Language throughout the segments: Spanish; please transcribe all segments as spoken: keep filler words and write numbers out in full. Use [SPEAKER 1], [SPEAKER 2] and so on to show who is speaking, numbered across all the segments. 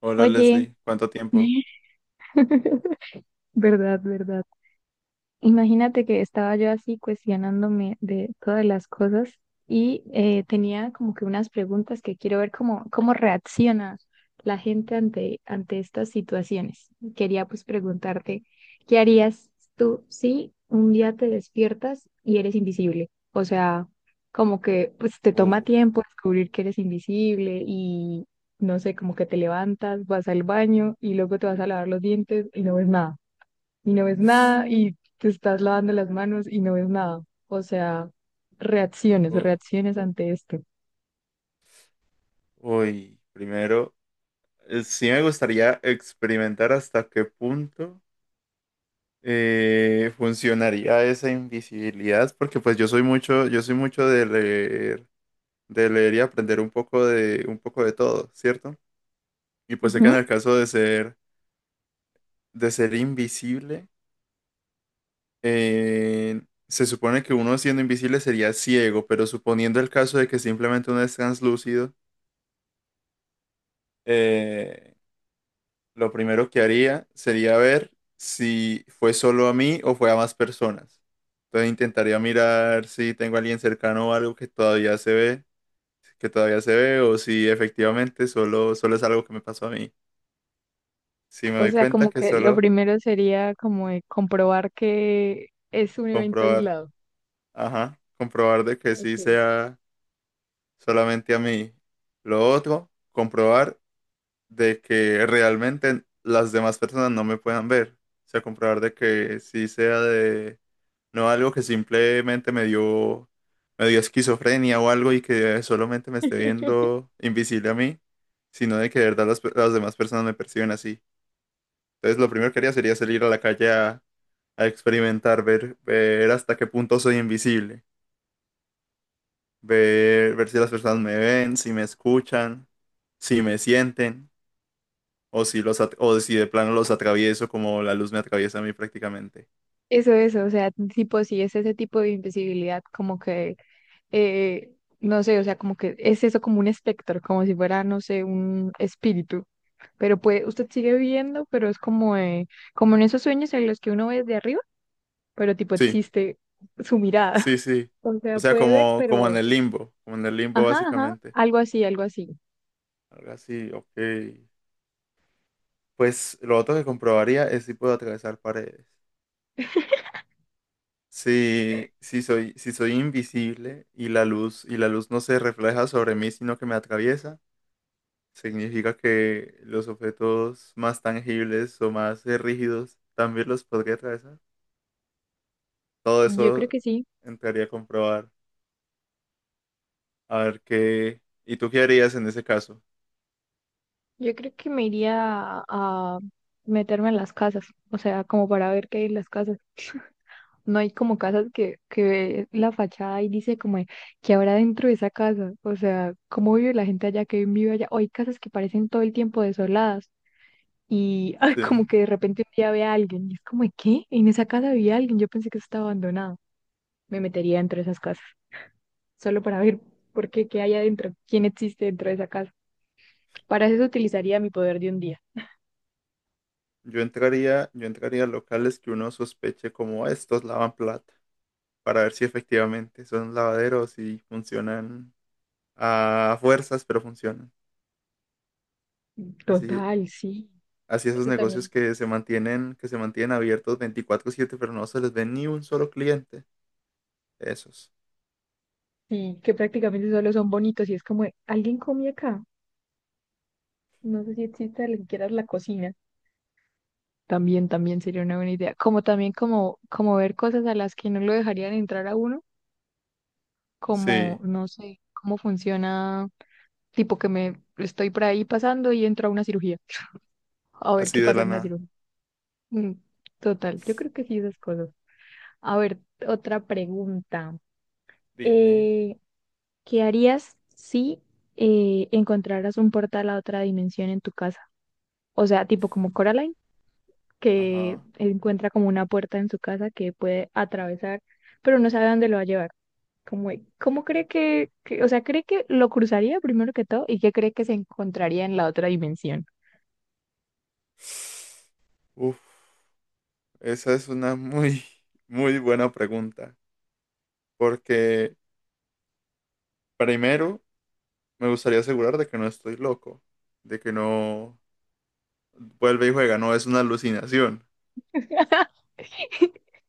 [SPEAKER 1] Hola
[SPEAKER 2] Oye,
[SPEAKER 1] Leslie, ¿cuánto tiempo?
[SPEAKER 2] ¿verdad, verdad? Imagínate que estaba yo así cuestionándome de todas las cosas y eh, tenía como que unas preguntas que quiero ver cómo, cómo reacciona la gente ante, ante estas situaciones. Quería pues preguntarte, ¿qué harías tú si un día te despiertas y eres invisible? O sea, como que pues te toma
[SPEAKER 1] Uh,
[SPEAKER 2] tiempo descubrir que eres invisible y no sé, como que te levantas, vas al baño y luego te vas a lavar los dientes y no ves nada y no ves nada y te estás lavando las manos y no ves nada. O sea, reacciones,
[SPEAKER 1] uh,
[SPEAKER 2] reacciones ante esto.
[SPEAKER 1] uy, primero, eh, sí me gustaría experimentar hasta qué punto eh, funcionaría esa invisibilidad, porque pues yo soy mucho, yo soy mucho de leer, de leer y aprender un poco de, un poco de todo, ¿cierto? Y pues sé que en
[SPEAKER 2] Ujú.
[SPEAKER 1] el caso de ser, de ser invisible, eh, se supone que uno siendo invisible sería ciego, pero suponiendo el caso de que simplemente uno es translúcido, eh, lo primero que haría sería ver si fue solo a mí o fue a más personas. Entonces intentaría mirar si tengo a alguien cercano o algo que todavía se ve, que todavía se ve, o si efectivamente solo, solo es algo que me pasó a mí. Si me
[SPEAKER 2] O
[SPEAKER 1] doy
[SPEAKER 2] sea,
[SPEAKER 1] cuenta
[SPEAKER 2] como
[SPEAKER 1] que
[SPEAKER 2] que lo
[SPEAKER 1] solo
[SPEAKER 2] primero sería como de comprobar que es un evento
[SPEAKER 1] comprobar,
[SPEAKER 2] aislado.
[SPEAKER 1] ajá, comprobar de que sí
[SPEAKER 2] Ok.
[SPEAKER 1] sea solamente a mí. Lo otro, comprobar de que realmente las demás personas no me puedan ver. O sea, comprobar de que sí sea de, no algo que simplemente me dio, me dio esquizofrenia o algo y que solamente me esté viendo invisible a mí, sino de que de verdad las, pe- las demás personas me perciben así. Entonces, lo primero que haría sería salir a la calle a, a experimentar, ver, ver hasta qué punto soy invisible, ver, ver si las personas me ven, si me escuchan, si me sienten. O si los at- o si de plano los atravieso como la luz me atraviesa a mí prácticamente.
[SPEAKER 2] Eso, eso, o sea, tipo, si es ese tipo de invisibilidad, como que, eh, no sé, o sea, como que es eso como un espectro, como si fuera, no sé, un espíritu. Pero puede, usted sigue viendo, pero es como, eh, como en esos sueños en los que uno ve desde arriba, pero tipo
[SPEAKER 1] Sí,
[SPEAKER 2] existe su mirada.
[SPEAKER 1] sí, sí.
[SPEAKER 2] O
[SPEAKER 1] O
[SPEAKER 2] sea,
[SPEAKER 1] sea,
[SPEAKER 2] puede ver,
[SPEAKER 1] como, como en
[SPEAKER 2] pero...
[SPEAKER 1] el limbo, como en el limbo
[SPEAKER 2] Ajá, ajá,
[SPEAKER 1] básicamente.
[SPEAKER 2] algo así, algo así.
[SPEAKER 1] Algo así, ok. Pues lo otro que comprobaría es si puedo atravesar paredes. Si, si soy, si soy invisible y la luz, y la luz no se refleja sobre mí, sino que me atraviesa, significa que los objetos más tangibles o más eh, rígidos también los podría atravesar. Todo
[SPEAKER 2] Yo creo
[SPEAKER 1] eso
[SPEAKER 2] que sí.
[SPEAKER 1] entraría a comprobar. A ver qué. ¿Y tú qué harías en ese caso?
[SPEAKER 2] Yo creo que me iría a meterme en las casas, o sea, como para ver qué hay en las casas. No hay como casas que, que ve la fachada y dice como que habrá dentro de esa casa, o sea, cómo vive la gente allá, que vive allá. O hay casas que parecen todo el tiempo desoladas y ah,
[SPEAKER 1] Sí.
[SPEAKER 2] como que de repente un día ve a alguien y es como, ¿qué? En esa casa había alguien, yo pensé que eso estaba abandonado. Me metería dentro de esas casas, solo para ver por qué, qué hay adentro, quién existe dentro de esa casa. Para eso utilizaría mi poder de un día.
[SPEAKER 1] Yo entraría, yo entraría a locales que uno sospeche como "Ah, estos lavan plata para ver si efectivamente son lavaderos y funcionan a fuerzas, pero funcionan. Así,
[SPEAKER 2] Total, sí.
[SPEAKER 1] así esos
[SPEAKER 2] Eso
[SPEAKER 1] negocios
[SPEAKER 2] también.
[SPEAKER 1] que se mantienen, que se mantienen abiertos veinticuatro siete pero no se les ve ni un solo cliente. Esos.
[SPEAKER 2] Sí, que prácticamente solo son bonitos y es como, ¿alguien come acá? No sé si existe ni siquiera la cocina. También, también sería una buena idea. Como también como, como ver cosas a las que no lo dejarían entrar a uno, como,
[SPEAKER 1] Sí,
[SPEAKER 2] no sé, cómo funciona, tipo que me estoy por ahí pasando y entro a una cirugía. A ver
[SPEAKER 1] así
[SPEAKER 2] qué
[SPEAKER 1] de
[SPEAKER 2] pasa
[SPEAKER 1] la
[SPEAKER 2] en una
[SPEAKER 1] nada.
[SPEAKER 2] cirugía. Mm, Total, yo creo que sí esas cosas. A ver, otra pregunta.
[SPEAKER 1] Dime.
[SPEAKER 2] Eh, ¿qué harías si eh, encontraras un portal a otra dimensión en tu casa? O sea, tipo como Coraline, que
[SPEAKER 1] Ajá.
[SPEAKER 2] encuentra como una puerta en su casa que puede atravesar, pero no sabe dónde lo va a llevar. ¿Cómo, cómo cree que, que- o sea, cree que lo cruzaría primero que todo y qué cree que se encontraría en la otra dimensión?
[SPEAKER 1] Uf, esa es una muy, muy buena pregunta, porque primero me gustaría asegurar de que no estoy loco, de que no vuelve y juega, no es una alucinación.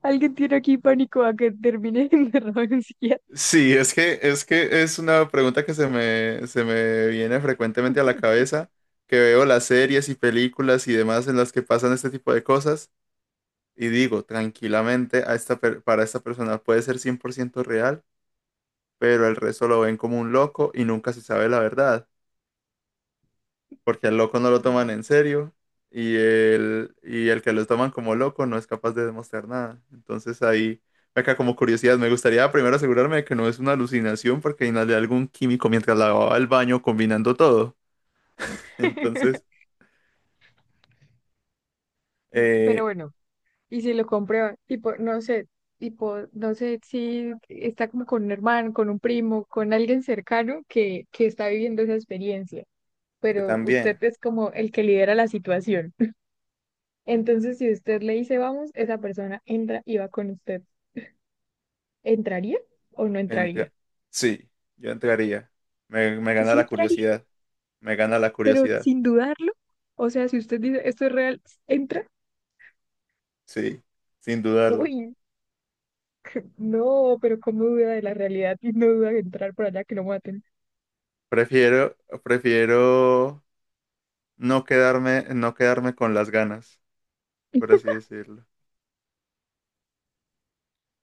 [SPEAKER 2] Alguien tiene aquí pánico a que termine en un psiquiatra.
[SPEAKER 1] Sí, es que es que es una pregunta que se me, se me viene frecuentemente a la cabeza, que veo las series y películas y demás en las que pasan este tipo de cosas y digo, tranquilamente, a esta per- para esta persona puede ser cien por ciento real, pero el resto lo ven como un loco y nunca se sabe la verdad, porque al loco no lo
[SPEAKER 2] Mm.
[SPEAKER 1] toman en serio y el, y el que lo toman como loco no es capaz de demostrar nada. Entonces ahí, acá como curiosidad, me gustaría primero asegurarme de que no es una alucinación porque inhalé algún químico mientras lavaba el baño combinando todo. Entonces,
[SPEAKER 2] Pero
[SPEAKER 1] eh,
[SPEAKER 2] bueno. Y si lo compré, tipo, no sé, tipo, no sé si está como con un hermano, con un primo, con alguien cercano que, que está viviendo esa experiencia,
[SPEAKER 1] que
[SPEAKER 2] pero usted
[SPEAKER 1] también,
[SPEAKER 2] es como el que lidera la situación. Entonces, si usted le dice vamos, esa persona entra y va con usted. ¿Entraría o no entraría?
[SPEAKER 1] entra- sí, yo entraría. Me, me gana
[SPEAKER 2] Sí
[SPEAKER 1] la
[SPEAKER 2] entraría,
[SPEAKER 1] curiosidad, me gana la
[SPEAKER 2] pero
[SPEAKER 1] curiosidad,
[SPEAKER 2] sin dudarlo. O sea, si usted dice esto es real, entra.
[SPEAKER 1] sí, sin dudarlo.
[SPEAKER 2] Uy, no, pero ¿cómo duda de la realidad y no duda de entrar por allá que lo maten?
[SPEAKER 1] Prefiero, prefiero no quedarme, no quedarme con las ganas, por así decirlo.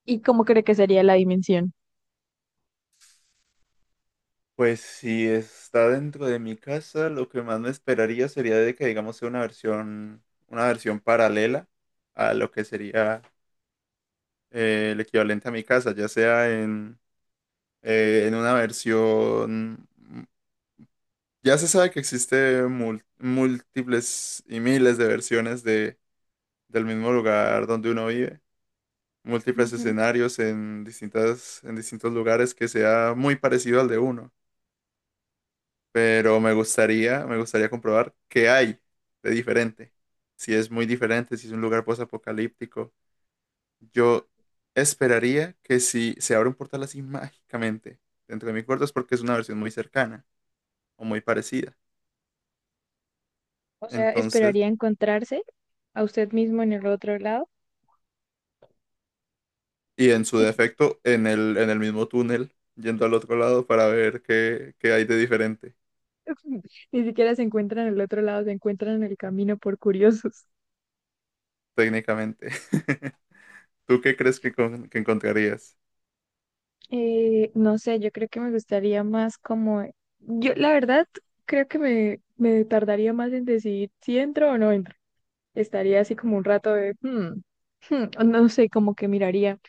[SPEAKER 2] ¿Y cómo cree que sería la dimensión?
[SPEAKER 1] Pues si está dentro de mi casa, lo que más me esperaría sería de que, digamos, sea una versión, una versión paralela a lo que sería eh, el equivalente a mi casa, ya sea en, eh, en una versión... Ya se sabe que existe mul- múltiples y miles de versiones de, del mismo lugar donde uno vive, múltiples
[SPEAKER 2] Ujú.
[SPEAKER 1] escenarios en distintas, en distintos lugares que sea muy parecido al de uno, pero me gustaría, me gustaría comprobar qué hay de diferente. Si es muy diferente, si es un lugar posapocalíptico. Yo esperaría que si se abre un portal así mágicamente dentro de mi cuarto es porque es una versión muy cercana o muy parecida.
[SPEAKER 2] O sea,
[SPEAKER 1] Entonces,
[SPEAKER 2] esperaría encontrarse a usted mismo en el otro lado.
[SPEAKER 1] y en su defecto, en el, en el mismo túnel, yendo al otro lado para ver qué, qué hay de diferente
[SPEAKER 2] Ni siquiera se encuentran en el otro lado, se encuentran en el camino por curiosos.
[SPEAKER 1] técnicamente. ¿Tú qué crees que, con- que encontrarías?
[SPEAKER 2] Eh, no sé, yo creo que me gustaría más como, yo la verdad creo que me, me tardaría más en decidir si entro o no entro. Estaría así como un rato de, hmm, hmm, o no sé, como que miraría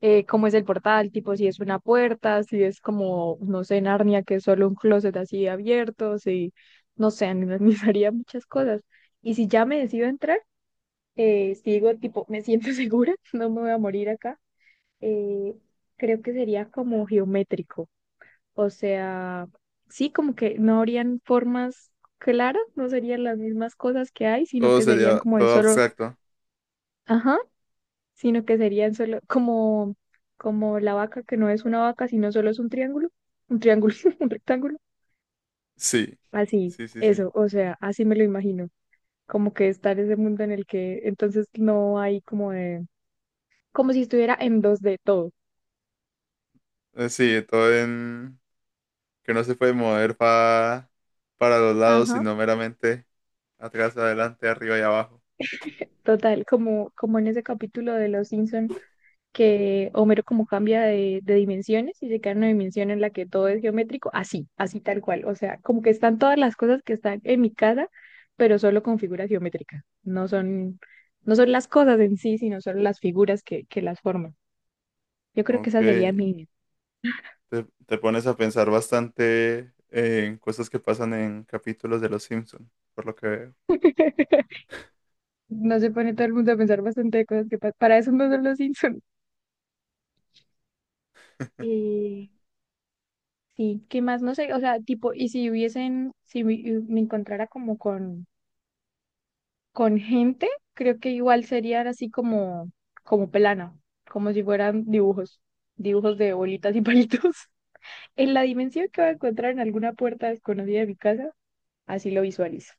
[SPEAKER 2] eh, cómo es el portal, tipo si es una puerta, si es como, no sé, Narnia, que es solo un closet así abierto, si, no sé, analizaría muchas cosas. Y si ya me decido entrar, eh, si digo, tipo, me siento segura, no me voy a morir acá, eh, creo que sería como geométrico, o sea, sí, como que no habrían formas claras, no serían las mismas cosas que hay, sino
[SPEAKER 1] Todo
[SPEAKER 2] que serían
[SPEAKER 1] sería,
[SPEAKER 2] como de
[SPEAKER 1] todo
[SPEAKER 2] solo...
[SPEAKER 1] abstracto.
[SPEAKER 2] Ajá, sino que serían solo como, como la vaca, que no es una vaca, sino solo es un triángulo, un triángulo, un rectángulo.
[SPEAKER 1] Sí,
[SPEAKER 2] Así,
[SPEAKER 1] sí, sí, sí.
[SPEAKER 2] eso, o sea, así me lo imagino, como que está en ese mundo en el que entonces no hay como de, como si estuviera en dos d todo.
[SPEAKER 1] Eh, Sí, todo en que no se puede mover pa- para los lados,
[SPEAKER 2] Ajá.
[SPEAKER 1] sino meramente atrás, adelante, arriba y abajo.
[SPEAKER 2] Total, como, como en ese capítulo de Los Simpson que Homero como cambia de, de dimensiones y se queda en una dimensión en la que todo es geométrico, así, así tal cual. O sea, como que están todas las cosas que están en mi casa, pero solo con figuras geométricas. No son, no son las cosas en sí, sino solo las figuras que, que las forman. Yo creo que
[SPEAKER 1] Ok,
[SPEAKER 2] esa sería
[SPEAKER 1] te,
[SPEAKER 2] mi...
[SPEAKER 1] te pones a pensar bastante en cosas que pasan en capítulos de Los Simpson, por lo que veo.
[SPEAKER 2] No se pone todo el mundo a pensar bastante de cosas que pa- Para eso no son los Simpsons. Eh, sí, ¿qué más? No sé, o sea, tipo, y si hubiesen, si me, me encontrara como con... con gente, creo que igual serían así como, como plana, como si fueran dibujos, dibujos de bolitas y palitos. En la dimensión que voy a encontrar en alguna puerta desconocida de mi casa, así lo visualizo.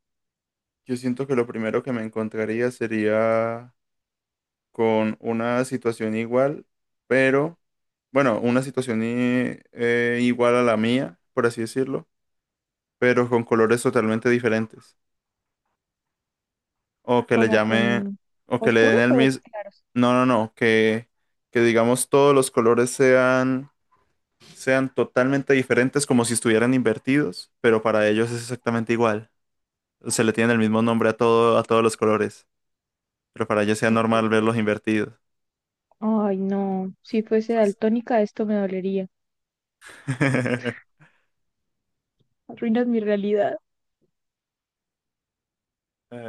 [SPEAKER 1] Yo siento que lo primero que me encontraría sería con una situación igual, pero, bueno, una situación i- eh, igual a la mía, por así decirlo, pero con colores totalmente diferentes. O que le
[SPEAKER 2] ¿Como
[SPEAKER 1] llame,
[SPEAKER 2] con
[SPEAKER 1] o que le den
[SPEAKER 2] oscuros
[SPEAKER 1] el
[SPEAKER 2] o
[SPEAKER 1] mismo.
[SPEAKER 2] claros?
[SPEAKER 1] No, no, no, que, que digamos todos los colores sean, sean totalmente diferentes, como si estuvieran invertidos, pero para ellos es exactamente igual. Se le tiene el mismo nombre a todo, a todos los colores, pero para ellos sea normal
[SPEAKER 2] Ok.
[SPEAKER 1] verlos invertidos.
[SPEAKER 2] Ay, no, si fuese daltónica esto me dolería. Arruinas mi realidad.
[SPEAKER 1] Eh,